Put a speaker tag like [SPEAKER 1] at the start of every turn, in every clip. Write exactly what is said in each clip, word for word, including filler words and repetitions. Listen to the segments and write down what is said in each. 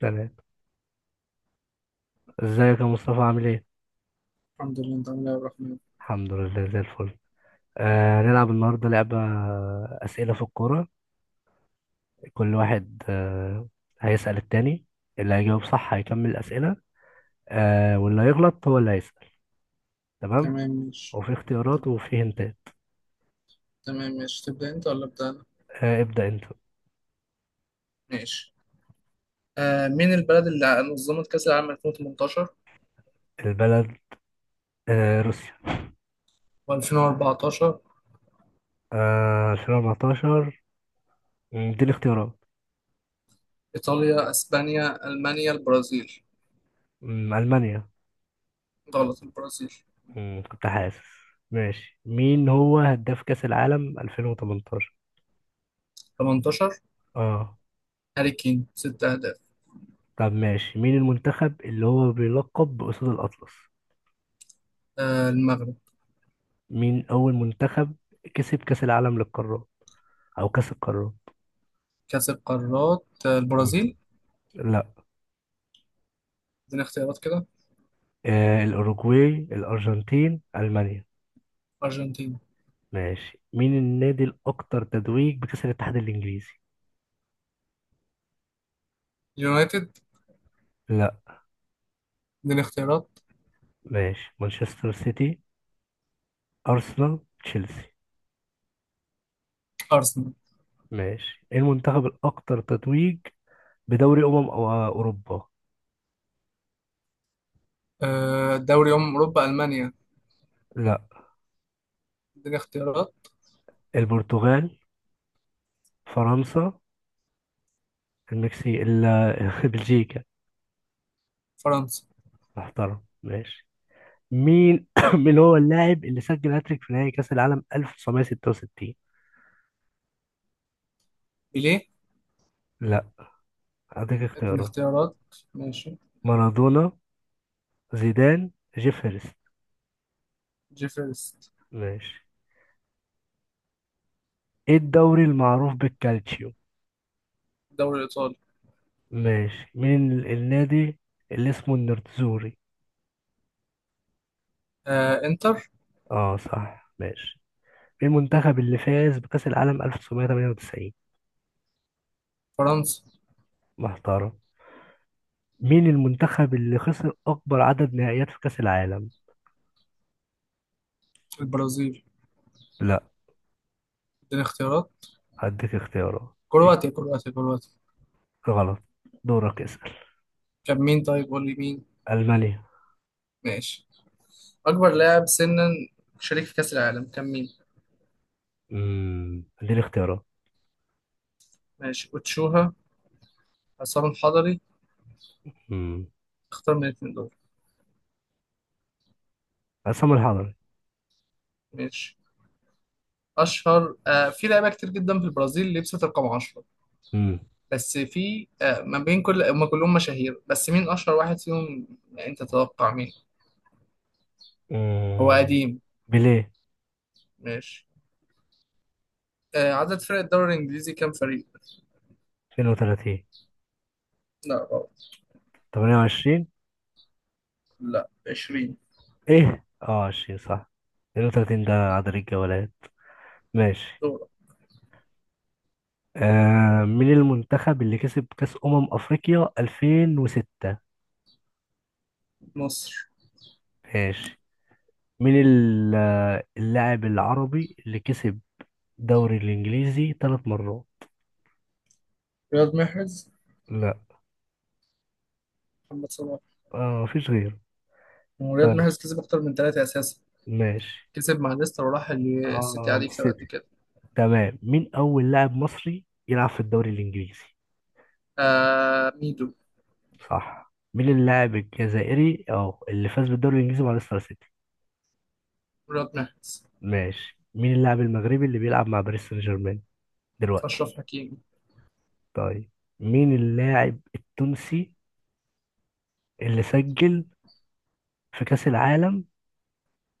[SPEAKER 1] تمام. ازيك يا مصطفى عامل ايه؟
[SPEAKER 2] الحمد لله، انت عامل ايه يا عبد الرحمن؟
[SPEAKER 1] الحمد لله زي الفل. آه هنلعب النهارده لعبة، آه، أسئلة في الكورة. كل واحد آه هيسأل التاني. اللي هيجاوب صح هيكمل الأسئلة، آه واللي هيغلط هو اللي هيسأل. تمام؟
[SPEAKER 2] تمام، ماشي.
[SPEAKER 1] وفي
[SPEAKER 2] تب-
[SPEAKER 1] اختيارات وفي هنتات.
[SPEAKER 2] تمام، ماشي. تبدأ انت ولا ابدأ انا؟
[SPEAKER 1] آه ابدأ انت.
[SPEAKER 2] ماشي. آه مين البلد اللي نظمت كأس العالم ألفين وتمنتاشر
[SPEAKER 1] البلد، آه روسيا.
[SPEAKER 2] وألفين وأربعتاشر؟
[SPEAKER 1] آه ألفين وأربعتاشر. مم، دي الاختيارات.
[SPEAKER 2] إيطاليا، أسبانيا، ألمانيا، البرازيل.
[SPEAKER 1] مم، ألمانيا.
[SPEAKER 2] غلط، البرازيل.
[SPEAKER 1] مم، كنت حاسس. ماشي، مين هو هداف كأس العالم ألفين وتمنتاشر؟
[SPEAKER 2] تمنتاشر.
[SPEAKER 1] اه.
[SPEAKER 2] هاري كين، ست أهداف.
[SPEAKER 1] طب ماشي، مين المنتخب اللي هو بيلقب بأسود الأطلس؟
[SPEAKER 2] آه المغرب.
[SPEAKER 1] مين أول منتخب كسب كأس العالم للقارات أو كأس القارات؟
[SPEAKER 2] كأس القارات، آه
[SPEAKER 1] مم.
[SPEAKER 2] البرازيل.
[SPEAKER 1] لا.
[SPEAKER 2] اديني اختيارات كده.
[SPEAKER 1] آه الأوروغواي، الأرجنتين، ألمانيا.
[SPEAKER 2] أرجنتين.
[SPEAKER 1] ماشي، مين النادي الأكثر تتويج بكأس الاتحاد الإنجليزي؟
[SPEAKER 2] يونايتد.
[SPEAKER 1] لا.
[SPEAKER 2] اديني اختيارات.
[SPEAKER 1] ماشي، مانشستر سيتي، أرسنال، تشيلسي.
[SPEAKER 2] أرسنال.
[SPEAKER 1] ماشي، إيه المنتخب الأكثر تتويج بدوري أمم أو- آه، أوروبا؟
[SPEAKER 2] آه دوري أمم أوروبا، ألمانيا.
[SPEAKER 1] لا.
[SPEAKER 2] اديني اختيارات.
[SPEAKER 1] البرتغال، فرنسا، المكسيك، ال- بلجيكا.
[SPEAKER 2] فرنسا.
[SPEAKER 1] محترم. ماشي، مين مين هو اللاعب اللي سجل هاتريك في نهائي كأس العالم ألف وتسعمائة وستة وستين؟
[SPEAKER 2] بيليه.
[SPEAKER 1] لا، هديك
[SPEAKER 2] اديني
[SPEAKER 1] اختيارات.
[SPEAKER 2] اختيارات. ماشي.
[SPEAKER 1] مارادونا، زيدان، جيف هيرست.
[SPEAKER 2] جيفرست.
[SPEAKER 1] ماشي. ايه الدوري المعروف بالكالتشيو؟
[SPEAKER 2] الدوري الإيطالي.
[SPEAKER 1] ماشي، مين ال- النادي اللي اسمه النيرتزوري؟
[SPEAKER 2] آه إنتر.
[SPEAKER 1] اه صح. ماشي، مين المنتخب اللي فاز بكأس العالم ألف وتسعميه وتمنية وتسعين؟
[SPEAKER 2] فرنسا.
[SPEAKER 1] محترم. مين المنتخب اللي خسر أكبر عدد نهائيات في كأس العالم؟
[SPEAKER 2] البرازيل.
[SPEAKER 1] لا،
[SPEAKER 2] اديني اختيارات.
[SPEAKER 1] هديك اختيارات. إيه؟
[SPEAKER 2] كرواتيا، كرواتيا، كرواتيا.
[SPEAKER 1] غلط. دورك.
[SPEAKER 2] كان مين؟ طيب قول لي مين.
[SPEAKER 1] ألمانيا.
[SPEAKER 2] ماشي. أكبر لاعب سنا شريك في كأس العالم كان مين؟
[SPEAKER 1] مم. اديني اختيارات.
[SPEAKER 2] ماشي، أوتشوها، عصام الحضري،
[SPEAKER 1] مم.
[SPEAKER 2] اختار من الاثنين دول.
[SPEAKER 1] عصام الحضري.
[SPEAKER 2] ماشي. أشهر آه في لعيبة كتير جدا في البرازيل لبست رقم عشرة،
[SPEAKER 1] مم.
[SPEAKER 2] بس في آه ما بين كل هم كلهم مشاهير، بس مين أشهر واحد فيهم؟ يعني أنت تتوقع مين؟ هو
[SPEAKER 1] مم.
[SPEAKER 2] قديم.
[SPEAKER 1] بيليه.
[SPEAKER 2] ماشي. آه، عدد فرق الدوري الإنجليزي كام فريق؟
[SPEAKER 1] اتنين وتلاتين.
[SPEAKER 2] لا، غلط.
[SPEAKER 1] تمنية وعشرين.
[SPEAKER 2] لا، عشرين.
[SPEAKER 1] ايه اه عشرين صح. اتنين وتلاتين ده عدد الجولات. ماشي.
[SPEAKER 2] دورة.
[SPEAKER 1] آه مين المنتخب اللي كسب كأس أمم أفريقيا ألفين وستة؟
[SPEAKER 2] مصر.
[SPEAKER 1] ماشي، مين ال- آه، اللاعب العربي اللي كسب دوري الإنجليزي ثلاث مرات؟
[SPEAKER 2] رياض محرز.
[SPEAKER 1] لا.
[SPEAKER 2] محمد صلاح.
[SPEAKER 1] آه مفيش غيره.
[SPEAKER 2] هو رياض
[SPEAKER 1] طيب.
[SPEAKER 2] محرز كسب أكتر من ثلاثة أساسا.
[SPEAKER 1] ماشي.
[SPEAKER 2] كسب مع ليستر وراح ال- السيتي،
[SPEAKER 1] اه
[SPEAKER 2] عليه كسب
[SPEAKER 1] ست.
[SPEAKER 2] قد كده.
[SPEAKER 1] تمام، مين أول لاعب مصري يلعب في الدوري الإنجليزي؟
[SPEAKER 2] آه ميدو.
[SPEAKER 1] صح. مين اللاعب الجزائري أه اللي فاز بالدوري الإنجليزي مع ليستر سيتي؟
[SPEAKER 2] رياض محرز.
[SPEAKER 1] ماشي، مين اللاعب المغربي اللي بيلعب مع باريس سان جيرمان دلوقتي؟
[SPEAKER 2] أشرف حكيمي.
[SPEAKER 1] طيب. مين اللاعب التونسي اللي سجل في كأس العالم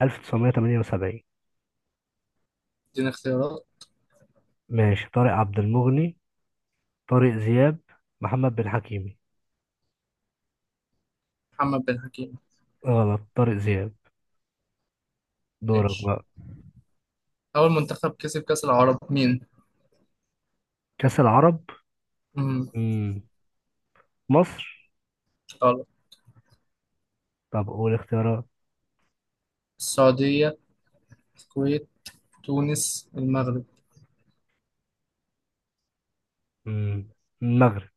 [SPEAKER 1] ألف وتسعميه وتمنية وسبعين؟
[SPEAKER 2] ادينا اختيارات.
[SPEAKER 1] ماشي، طارق عبد المغني، طارق زياب، محمد بن حكيمي.
[SPEAKER 2] محمد بن حكيم.
[SPEAKER 1] غلط، طارق زياب. دورك
[SPEAKER 2] ماشي.
[SPEAKER 1] بقى.
[SPEAKER 2] أول منتخب كسب كأس العرب مين؟
[SPEAKER 1] كأس العرب.
[SPEAKER 2] مم.
[SPEAKER 1] مم. مصر.
[SPEAKER 2] غلط.
[SPEAKER 1] طب قول اختيارات.
[SPEAKER 2] السعودية، الكويت، تونس، المغرب.
[SPEAKER 1] مم. المغرب.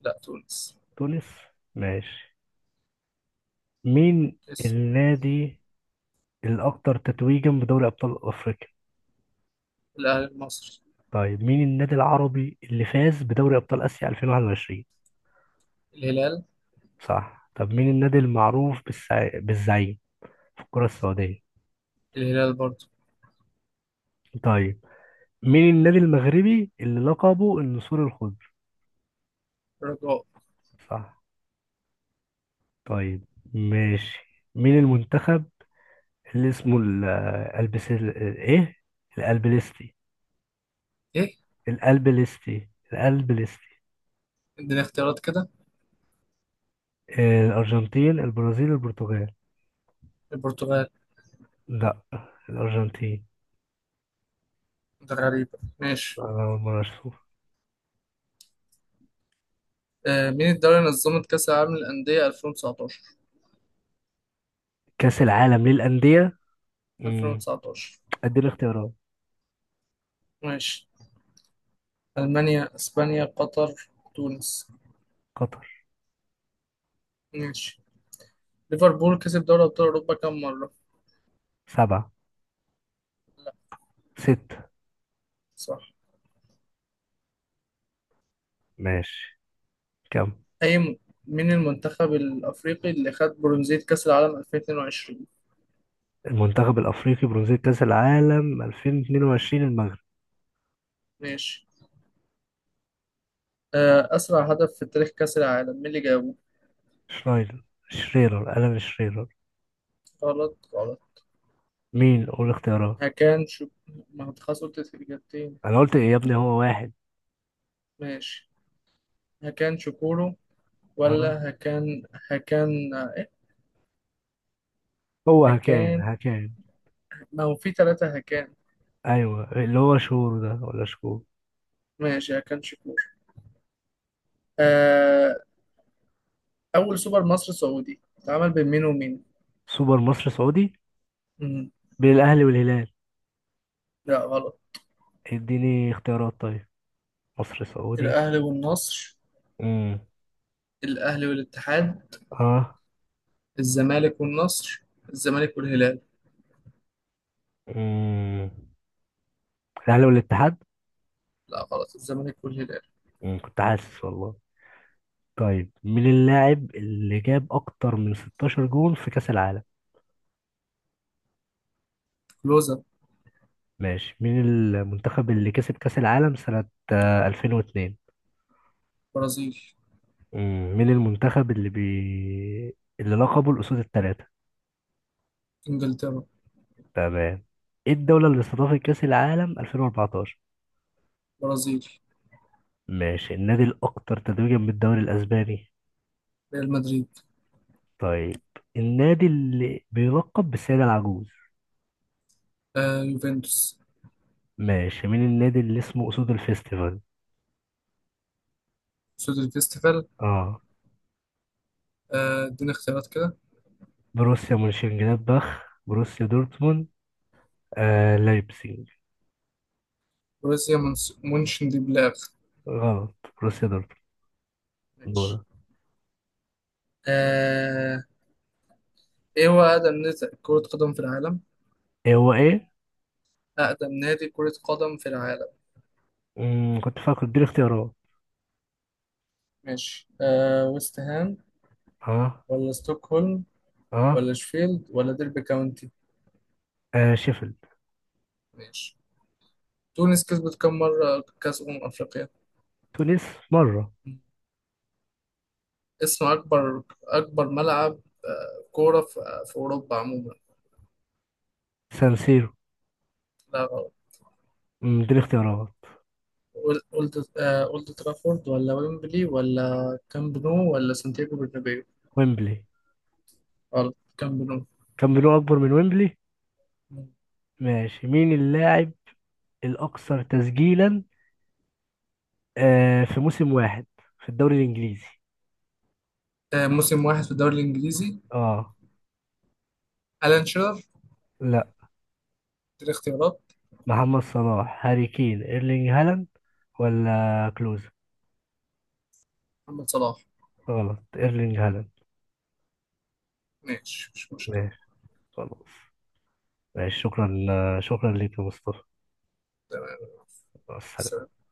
[SPEAKER 2] لا، تونس.
[SPEAKER 1] تونس. ماشي، مين
[SPEAKER 2] اسم.
[SPEAKER 1] النادي الأكثر تتويجا بدوري أبطال أفريقيا؟
[SPEAKER 2] الأهلي المصري.
[SPEAKER 1] طيب، مين النادي العربي اللي فاز بدوري أبطال آسيا ألفين وواحد وعشرين؟
[SPEAKER 2] الهلال.
[SPEAKER 1] صح. طب مين النادي المعروف بالسع... بالزعيم في الكرة السعودية؟
[SPEAKER 2] الهلال برضه.
[SPEAKER 1] طيب، مين النادي المغربي اللي لقبه النسور الخضر؟
[SPEAKER 2] رجاء.
[SPEAKER 1] صح. طيب. ماشي. مين المنتخب اللي اسمه ال- البس ال- ايه الألبليستي؟
[SPEAKER 2] ايه.
[SPEAKER 1] الألبليستي، الألبليستي.
[SPEAKER 2] اديني اختيارات كده.
[SPEAKER 1] آه، الأرجنتين، البرازيل، البرتغال.
[SPEAKER 2] البرتغال.
[SPEAKER 1] لا، الأرجنتين.
[SPEAKER 2] ده غريبة، ماشي.
[SPEAKER 1] أنا أول مرة أشوف.
[SPEAKER 2] آه مين الدولة اللي نظمت كأس العالم للأندية ألفين وتسعتاشر؟
[SPEAKER 1] كأس العالم للأندية. مم.
[SPEAKER 2] ألفين وتسعتاشر.
[SPEAKER 1] أديني اختيارات.
[SPEAKER 2] ماشي. ألمانيا، إسبانيا، قطر، تونس.
[SPEAKER 1] قطر.
[SPEAKER 2] ماشي. ليفربول كسب دوري أبطال أوروبا كم مرة؟
[SPEAKER 1] سبعة. ستة.
[SPEAKER 2] صح.
[SPEAKER 1] ماشي. كم
[SPEAKER 2] أي م... مين المنتخب الأفريقي اللي خد برونزية كأس العالم ألفين واتنين وعشرين؟
[SPEAKER 1] المنتخب الأفريقي برونزية كأس العالم ألفين واتنين وعشرين؟ المغرب.
[SPEAKER 2] ماشي. آه أسرع هدف في تاريخ كأس العالم مين اللي جابه؟
[SPEAKER 1] شرايدر، شريرر، ألان شريرر.
[SPEAKER 2] غلط، غلط.
[SPEAKER 1] مين قول اختيارات؟
[SPEAKER 2] هكان شو؟ ما أنت خلاص قلت الإجابتين.
[SPEAKER 1] أنا قلت إيه يا ابني، هو واحد.
[SPEAKER 2] ماشي. هكان شكورو
[SPEAKER 1] أه.
[SPEAKER 2] ولا هكان؟ هكان إيه؟
[SPEAKER 1] هو هكان
[SPEAKER 2] هكان.
[SPEAKER 1] هكان
[SPEAKER 2] ما هو في ثلاثة هكان.
[SPEAKER 1] أيوه اللي هو شهور ده ولا شكور.
[SPEAKER 2] ماشي، هكان شكور. آه أول سوبر مصري سعودي اتعمل بين مين ومين؟
[SPEAKER 1] سوبر مصر سعودي.
[SPEAKER 2] مم.
[SPEAKER 1] بين الأهلي والهلال.
[SPEAKER 2] لا، غلط.
[SPEAKER 1] اديني اختيارات طيب. مصر سعودي.
[SPEAKER 2] الأهلي والنصر.
[SPEAKER 1] امم.
[SPEAKER 2] الأهلي والاتحاد.
[SPEAKER 1] اه.
[SPEAKER 2] الزمالك والنصر. الزمالك والهلال.
[SPEAKER 1] امم. الاهلي والاتحاد.
[SPEAKER 2] لا، غلط، الزمالك والهلال.
[SPEAKER 1] امم، كنت حاسس والله. طيب، مين اللاعب اللي جاب اكتر من ستاشر جول في كاس العالم؟
[SPEAKER 2] كلوزا.
[SPEAKER 1] ماشي، مين المنتخب اللي كسب كاس العالم سنة آه، ألفين واثنين؟
[SPEAKER 2] برازيل.
[SPEAKER 1] امم، مين المنتخب اللي بي... اللي لقبه الأسود الثلاثة؟
[SPEAKER 2] إنجلترا.
[SPEAKER 1] تمام. ايه الدولة اللي استضافت كأس العالم ألفين وأربعتاشر؟
[SPEAKER 2] برازيل.
[SPEAKER 1] ماشي. النادي الأكثر تتويجا بالدوري الأسباني؟
[SPEAKER 2] ريال مدريد.
[SPEAKER 1] طيب. النادي اللي بيلقب بالسيدة العجوز؟
[SPEAKER 2] آه يوفنتوس.
[SPEAKER 1] ماشي، مين النادي اللي اسمه أسود الفيستيفال؟
[SPEAKER 2] سودر فيستيفال.
[SPEAKER 1] اه.
[SPEAKER 2] آه اديني اختيارات كده.
[SPEAKER 1] بروسيا مونشنجلادباخ، بروسيا دورتموند، آه لايبزيج.
[SPEAKER 2] بروسيا منس- مونشن دي بلاغ.
[SPEAKER 1] غلط، بروسيا دورتموند.
[SPEAKER 2] ماشي.
[SPEAKER 1] دورة.
[SPEAKER 2] آه، ايه هو اقدم نادي كرة قدم في العالم؟
[SPEAKER 1] ايه هو ايه؟
[SPEAKER 2] اقدم نادي كرة قدم في العالم.
[SPEAKER 1] مم. كنت فاكر، اديني اختيارات.
[SPEAKER 2] ماشي. آه، ويست هام،
[SPEAKER 1] اه.
[SPEAKER 2] ولا ستوكهولم،
[SPEAKER 1] اه.
[SPEAKER 2] ولا شفيلد، ولا ديربي كاونتي؟
[SPEAKER 1] آه. شيفيلد.
[SPEAKER 2] ماشي. تونس كسبت كم مرة كأس أمم أفريقيا؟
[SPEAKER 1] تونس، مرة.
[SPEAKER 2] اسم أكبر أكبر ملعب آه، كورة في آه، في أوروبا عموما.
[SPEAKER 1] سانسيرو.
[SPEAKER 2] لا، غلط.
[SPEAKER 1] مم، اديني اختيارات.
[SPEAKER 2] أول- أولد آه، أولد ترافورد، ولا ويمبلي، ولا كامب نو، ولا سانتياغو برنابيو؟
[SPEAKER 1] ويمبلي.
[SPEAKER 2] غلط، كامب نو.
[SPEAKER 1] كان بينه أكبر من ويمبلي. ماشي، مين اللاعب الأكثر تسجيلا آه في موسم واحد في الدوري الإنجليزي؟
[SPEAKER 2] آه، موسم واحد في الدوري الإنجليزي.
[SPEAKER 1] اه.
[SPEAKER 2] ألان شيرر.
[SPEAKER 1] لا.
[SPEAKER 2] الاختيارات.
[SPEAKER 1] محمد صلاح، هاري كين، ايرلينج هالاند، ولا كلوز.
[SPEAKER 2] محمد صلاح.
[SPEAKER 1] غلط، ايرلينج هالاند.
[SPEAKER 2] ماشي، مش مشكلة.
[SPEAKER 1] ماشي. خلاص. ماشي، شكرا. شكرا ليك يا مصطفى. مع السلامة.
[SPEAKER 2] سلام.